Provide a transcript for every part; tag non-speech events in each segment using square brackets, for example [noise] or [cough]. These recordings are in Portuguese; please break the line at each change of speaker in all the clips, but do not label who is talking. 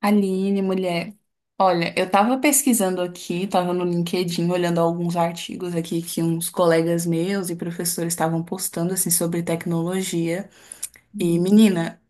Aline, mulher. Olha, eu tava pesquisando aqui, tava no LinkedIn olhando alguns artigos aqui que uns colegas meus e professores estavam postando assim sobre tecnologia. E,
Uhum.
menina,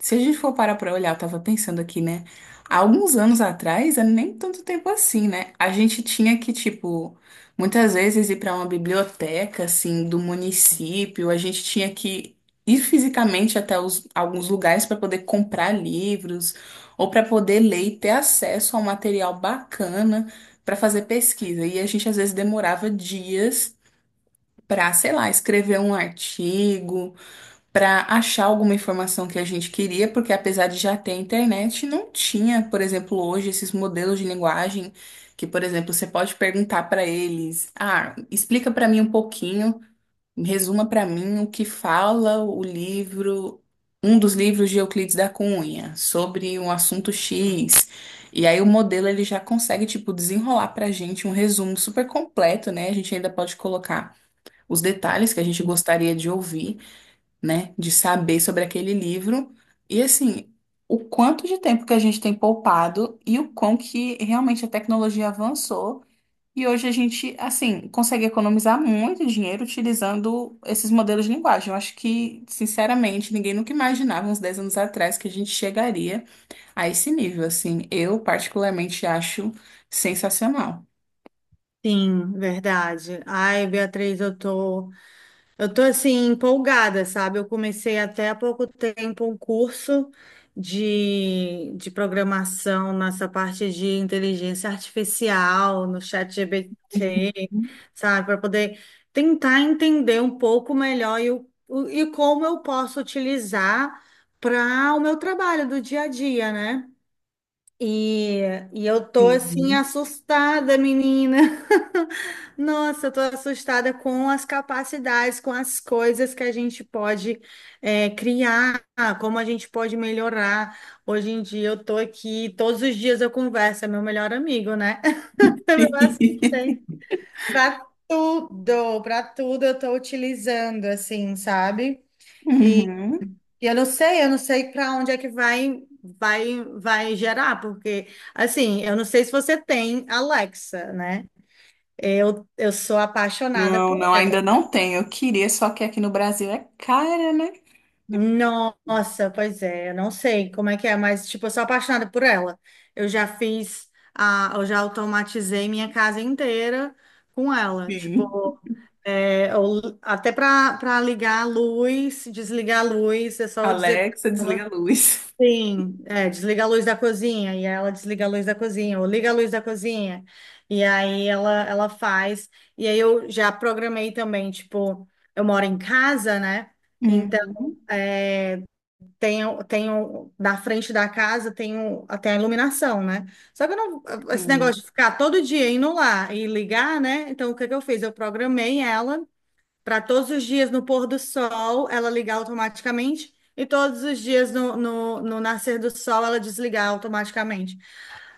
se a gente for parar pra olhar, eu tava pensando aqui, né? Há alguns anos atrás, é nem tanto tempo assim, né? A gente tinha que, tipo, muitas vezes ir pra uma biblioteca, assim, do município, a gente tinha que ir fisicamente alguns lugares para poder comprar livros ou para poder ler e ter acesso a um material bacana para fazer pesquisa. E a gente às vezes demorava dias para, sei lá, escrever um artigo para achar alguma informação que a gente queria, porque apesar de já ter internet, não tinha, por exemplo, hoje esses modelos de linguagem que, por exemplo, você pode perguntar para eles: "Ah, explica para mim um pouquinho, resuma para mim o que fala o livro, um dos livros de Euclides da Cunha, sobre um assunto X". E aí o modelo ele já consegue tipo desenrolar para a gente um resumo super completo, né? A gente ainda pode colocar os detalhes que a gente gostaria de ouvir, né? De saber sobre aquele livro. E assim, o quanto de tempo que a gente tem poupado e o quão que realmente a tecnologia avançou. E hoje a gente, assim, consegue economizar muito dinheiro utilizando esses modelos de linguagem. Eu acho que, sinceramente, ninguém nunca imaginava uns 10 anos atrás que a gente chegaria a esse nível, assim. Eu, particularmente, acho sensacional.
Sim, verdade. Ai, Beatriz, eu tô assim empolgada, sabe? Eu comecei até há pouco tempo um curso de programação nessa parte de inteligência artificial no chat ChatGPT, sabe? Para poder tentar entender um pouco melhor e como eu posso utilizar para o meu trabalho do dia a dia, né? E, e eu tô assim
Sim.
assustada, menina. [laughs] Nossa, eu tô assustada com as capacidades, com as coisas que a gente pode criar, como a gente pode melhorar. Hoje em dia eu tô aqui, todos os dias eu converso, é meu melhor amigo, né? [laughs] Meu
[laughs]
assistente. Para tudo eu tô utilizando, assim, sabe?
Uhum.
E eu não sei para onde é que vai gerar, porque, assim, eu não sei se você tem Alexa, né? Eu sou apaixonada
Não,
por.
não, ainda não tem. Eu queria, só que aqui no Brasil é cara, né?
Nossa, pois é, eu não sei como é que é, mas, tipo, eu sou apaixonada por ela. Eu já automatizei minha casa inteira com ela.
Sim.
Tipo, até para ligar a luz, desligar a luz, é só eu dizer para
Alexa, desliga a
ela.
luz.
Sim, desliga a luz da cozinha, e ela desliga a luz da cozinha, ou liga a luz da cozinha, e aí ela faz, e aí eu já programei também, tipo, eu moro em casa, né? Então,
Uhum.
é, tenho, na frente da casa tenho até a iluminação, né? Só que eu não, esse negócio
Sim.
de ficar todo dia indo lá e ligar, né? Então, o que que eu fiz? Eu programei ela para todos os dias no pôr do sol ela ligar automaticamente e todos os dias no nascer do sol ela desligar automaticamente.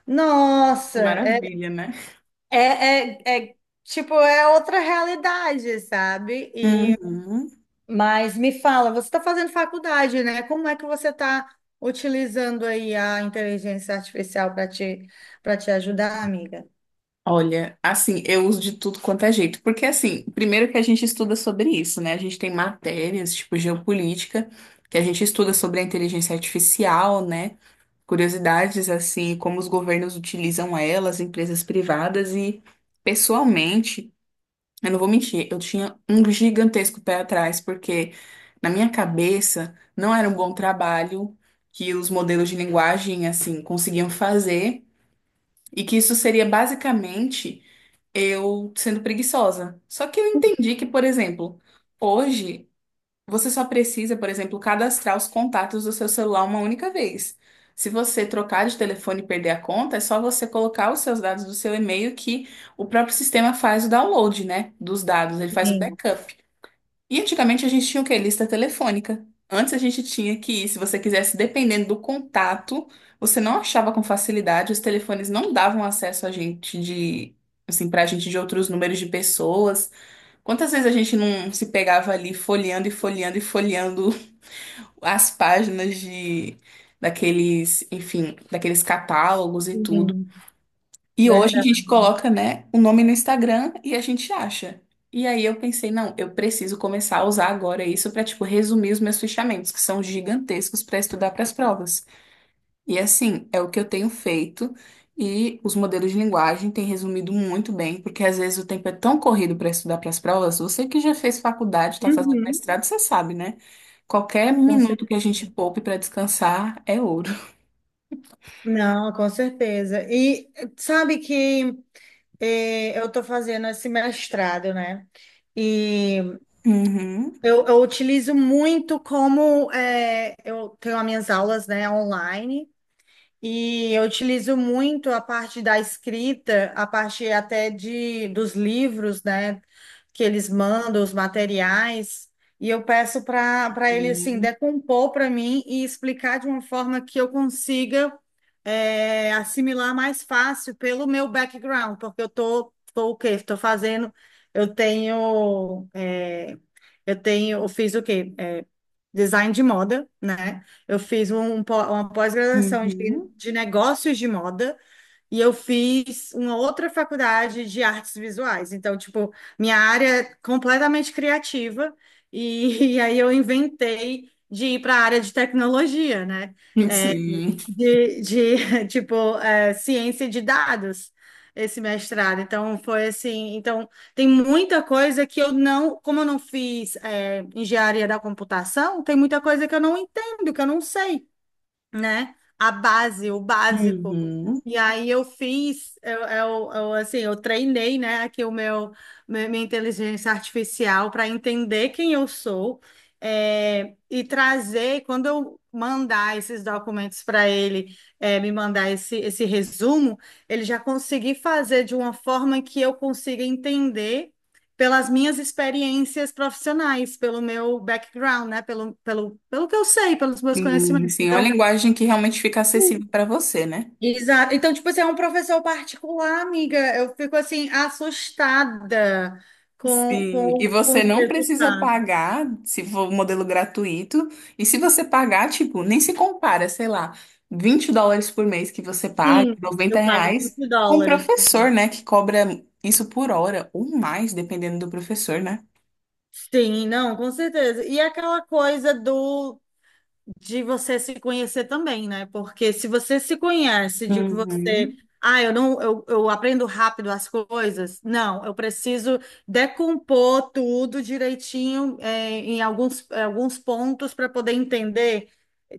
Nossa,
Que maravilha, né?
é, é, é, tipo, é outra realidade, sabe?
Uhum.
Mas me fala, você está fazendo faculdade, né? Como é que você está utilizando aí a inteligência artificial para te ajudar, amiga?
Olha, assim, eu uso de tudo quanto é jeito, porque assim, primeiro que a gente estuda sobre isso, né? A gente tem matérias, tipo geopolítica, que a gente estuda sobre a inteligência artificial, né? Curiosidades, assim, como os governos utilizam elas, empresas privadas e, pessoalmente, eu não vou mentir, eu tinha um gigantesco pé atrás, porque na minha cabeça não era um bom trabalho que os modelos de linguagem assim conseguiam fazer e que isso seria basicamente eu sendo preguiçosa. Só que eu entendi que, por exemplo, hoje você só precisa, por exemplo, cadastrar os contatos do seu celular uma única vez. Se você trocar de telefone e perder a conta, é só você colocar os seus dados do seu e-mail que o próprio sistema faz o download, né, dos dados, ele faz o
Sim,
backup. E antigamente a gente tinha o quê? Lista telefônica. Antes a gente tinha que ir, se você quisesse, dependendo do contato, você não achava com facilidade, os telefones não davam acesso a gente de, assim, pra gente de outros números de pessoas. Quantas vezes a gente não se pegava ali folheando e folheando e folheando as páginas de daqueles, enfim, daqueles catálogos e tudo.
sim,
E hoje a gente
verdade.
coloca, né, o nome no Instagram e a gente acha. E aí eu pensei, não, eu preciso começar a usar agora isso para, tipo, resumir os meus fichamentos, que são gigantescos para estudar para as provas. E assim, é o que eu tenho feito e os modelos de linguagem têm resumido muito bem, porque às vezes o tempo é tão corrido para estudar para as provas. Você que já fez faculdade, está fazendo
Uhum,
mestrado, você sabe, né? Qualquer
com
minuto que a
certeza.
gente poupe para descansar é ouro.
Não, com certeza. E sabe que eu estou fazendo esse mestrado, né? E
Uhum.
eu utilizo muito como eu tenho as minhas aulas, né, online. E eu utilizo muito a parte da escrita, a parte até de dos livros, né, que eles mandam, os materiais, e eu peço para ele assim decompor para mim e explicar de uma forma que eu consiga assimilar mais fácil pelo meu background, porque eu tô o quê? Estou fazendo, eu tenho é, eu tenho, eu fiz o quê? Design de moda, né? Eu fiz um uma pós-graduação de,
Uhum.
de negócios de moda e eu fiz uma outra faculdade de artes visuais. Então, tipo, minha área é completamente criativa e, [laughs] e aí eu inventei de ir para a área de tecnologia, né? É,
Sim.
de [laughs] tipo, ciência de dados, esse mestrado. Então, foi assim. Então, tem muita coisa que eu não, como eu não fiz, engenharia da computação, tem muita coisa que eu não entendo, que eu não sei, né? A base, o básico.
Uhum.
E aí eu fiz, assim, eu treinei, né, aqui o meu, minha inteligência artificial para entender quem eu sou, e trazer, quando eu mandar esses documentos para ele, me mandar esse resumo, ele já conseguir fazer de uma forma que eu consiga entender pelas minhas experiências profissionais, pelo meu background, né, pelo que eu sei, pelos meus conhecimentos.
Sim, é uma
Então.
linguagem que realmente fica acessível para você, né?
Exato. Então, tipo assim, é um professor particular, amiga. Eu fico assim, assustada com,
Sim, e
com, com
você
os
não precisa
resultados.
pagar se for um modelo gratuito. E se você pagar, tipo, nem se compara, sei lá, 20 dólares por mês que você paga,
Sim,
90
eu pago
reais,
20
com o
dólares.
professor, né, que cobra isso por hora ou mais, dependendo do professor, né?
Sim, não, com certeza. E aquela coisa do de você se conhecer também, né? Porque se você se conhece de que você,
Uhum.
ah, eu não, eu aprendo rápido as coisas, não, eu preciso decompor tudo direitinho, em alguns pontos para poder entender.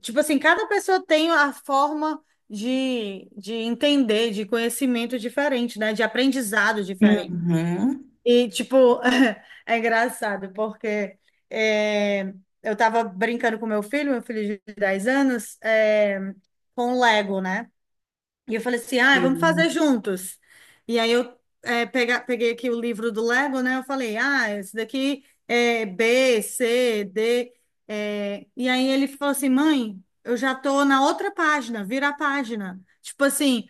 Tipo assim, cada pessoa tem a forma de entender, de conhecimento diferente, né? De aprendizado diferente.
Uhum.
E, tipo, [laughs] é engraçado, porque é, eu tava brincando com meu filho de 10 anos, com Lego, né? E eu falei assim, ah, vamos fazer
Sim.
juntos. E aí eu peguei aqui o livro do Lego, né? Eu falei, ah, esse daqui é B, C, D. E aí ele falou assim, mãe, eu já tô na outra página, vira a página. Tipo assim,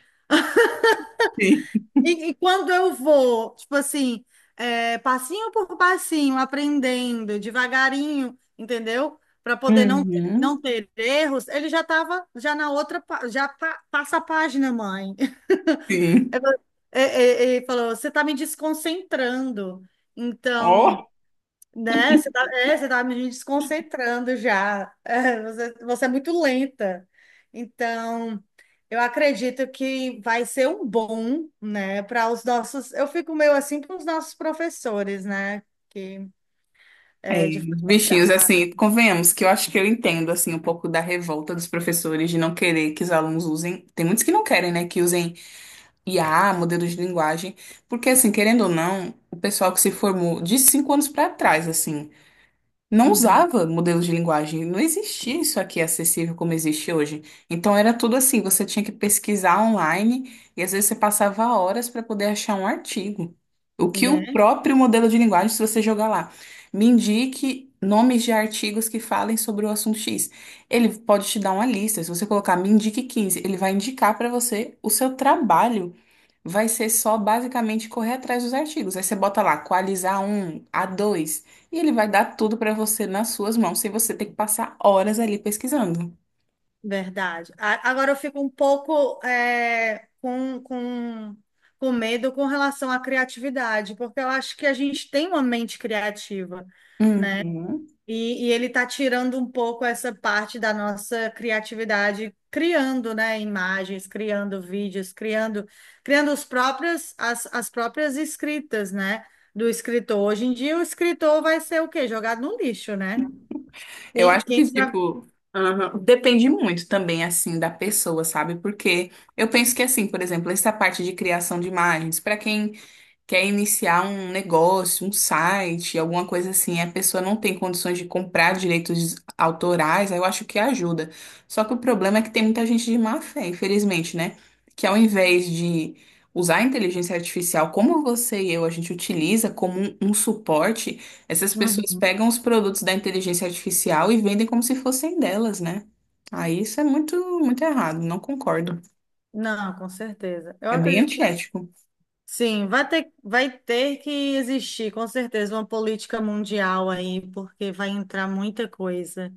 Sim.
e quando eu vou, tipo assim, passinho por passinho, aprendendo, devagarinho, entendeu? Para poder não, não
Uhum.
ter erros, ele já estava já na outra, passa a página, mãe. [laughs] Ele
Sim.
falou, "É, é, é", falou, você está me desconcentrando. Então.
Ó.
Né? Você tá me desconcentrando já. Você é muito lenta. Então, eu acredito que vai ser um bom, né, para os nossos. Eu fico meio assim com os nossos professores, né, que
É,
de
os bichinhos,
faculdade.
assim, convenhamos que eu acho que eu entendo, assim, um pouco da revolta dos professores de não querer que os alunos usem. Tem muitos que não querem, né, que usem IA, modelos de linguagem, porque, assim, querendo ou não, o pessoal que se formou de 5 anos pra trás, assim, não
Uhum.
usava modelos de linguagem, não existia isso aqui acessível como existe hoje. Então era tudo assim, você tinha que pesquisar online e às vezes você passava horas para poder achar um artigo. O que o
Né?
próprio modelo de linguagem, se você jogar lá, me indique nomes de artigos que falem sobre o assunto X. Ele pode te dar uma lista, se você colocar me indique 15, ele vai indicar para você, o seu trabalho vai ser só basicamente correr atrás dos artigos. Aí você bota lá, Qualis a um, a dois, e ele vai dar tudo para você nas suas mãos, sem você ter que passar horas ali pesquisando.
Verdade. Agora eu fico um pouco com medo com relação à criatividade, porque eu acho que a gente tem uma mente criativa.
Uhum.
E ele está tirando um pouco essa parte da nossa criatividade, criando, né, imagens, criando vídeos, criando os próprios, as próprias escritas, né, do escritor. Hoje em dia, o escritor vai ser o quê? Jogado no lixo, né?
Eu
Quem,
acho que,
quem tra-
tipo, aham, depende muito também, assim, da pessoa, sabe? Porque eu penso que, assim, por exemplo, essa parte de criação de imagens, para quem quer iniciar um negócio, um site, alguma coisa assim, a pessoa não tem condições de comprar direitos autorais, aí eu acho que ajuda. Só que o problema é que tem muita gente de má fé, infelizmente, né? Que ao invés de usar a inteligência artificial como você e eu, a gente utiliza como um suporte, essas pessoas
Uhum.
pegam os produtos da inteligência artificial e vendem como se fossem delas, né? Aí isso é muito, muito errado, não concordo.
Não, com certeza. Eu
É bem
acredito que
antiético.
sim, vai ter que existir, com certeza, uma política mundial aí, porque vai entrar muita coisa.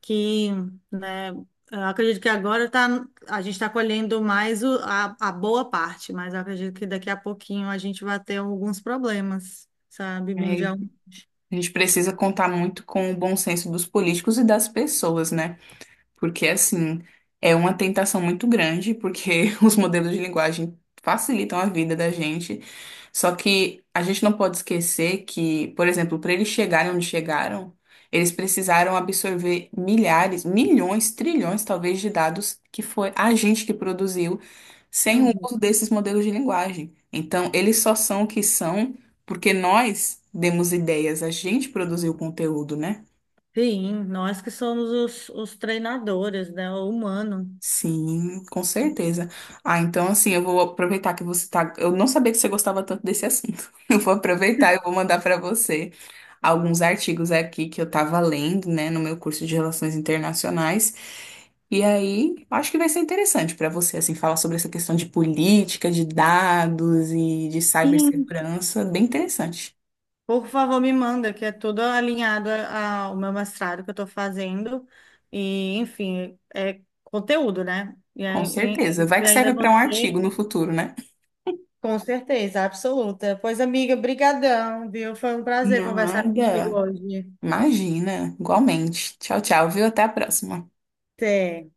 que, né, eu acredito que agora tá, a gente está colhendo mais a boa parte, mas eu acredito que daqui a pouquinho a gente vai ter alguns problemas, sabe,
É.
mundial.
A gente precisa contar muito com o bom senso dos políticos e das pessoas, né? Porque, assim, é uma tentação muito grande, porque [laughs] os modelos de linguagem facilitam a vida da gente. Só que a gente não pode esquecer que, por exemplo, para eles chegarem onde chegaram, eles precisaram absorver milhares, milhões, trilhões, talvez, de dados que foi a gente que produziu sem o
Uhum.
uso desses modelos de linguagem. Então, eles só são o que são porque nós demos ideias, a gente produziu o conteúdo, né?
Sim, nós que somos os treinadores, né, o humano.
Sim, com certeza. Ah, então assim, eu vou aproveitar que você tá. Eu não sabia que você gostava tanto desse assunto. [laughs] Eu vou aproveitar e vou mandar para você alguns artigos aqui que eu tava lendo, né, no meu curso de Relações Internacionais. E aí, acho que vai ser interessante para você assim falar sobre essa questão de política, de dados e de
Sim.
cibersegurança, bem interessante.
Por favor, me manda, que é tudo alinhado ao meu mestrado que eu estou fazendo. E, enfim, é conteúdo, né? E,
Com
aí-
certeza.
e
Vai
e
que
ainda
serve para um
você.
artigo no futuro, né?
Com certeza, absoluta. Pois, amiga, brigadão, viu? Foi um prazer conversar contigo
Nada.
hoje.
Imagina. Igualmente. Tchau, tchau, viu? Até a próxima.
Até.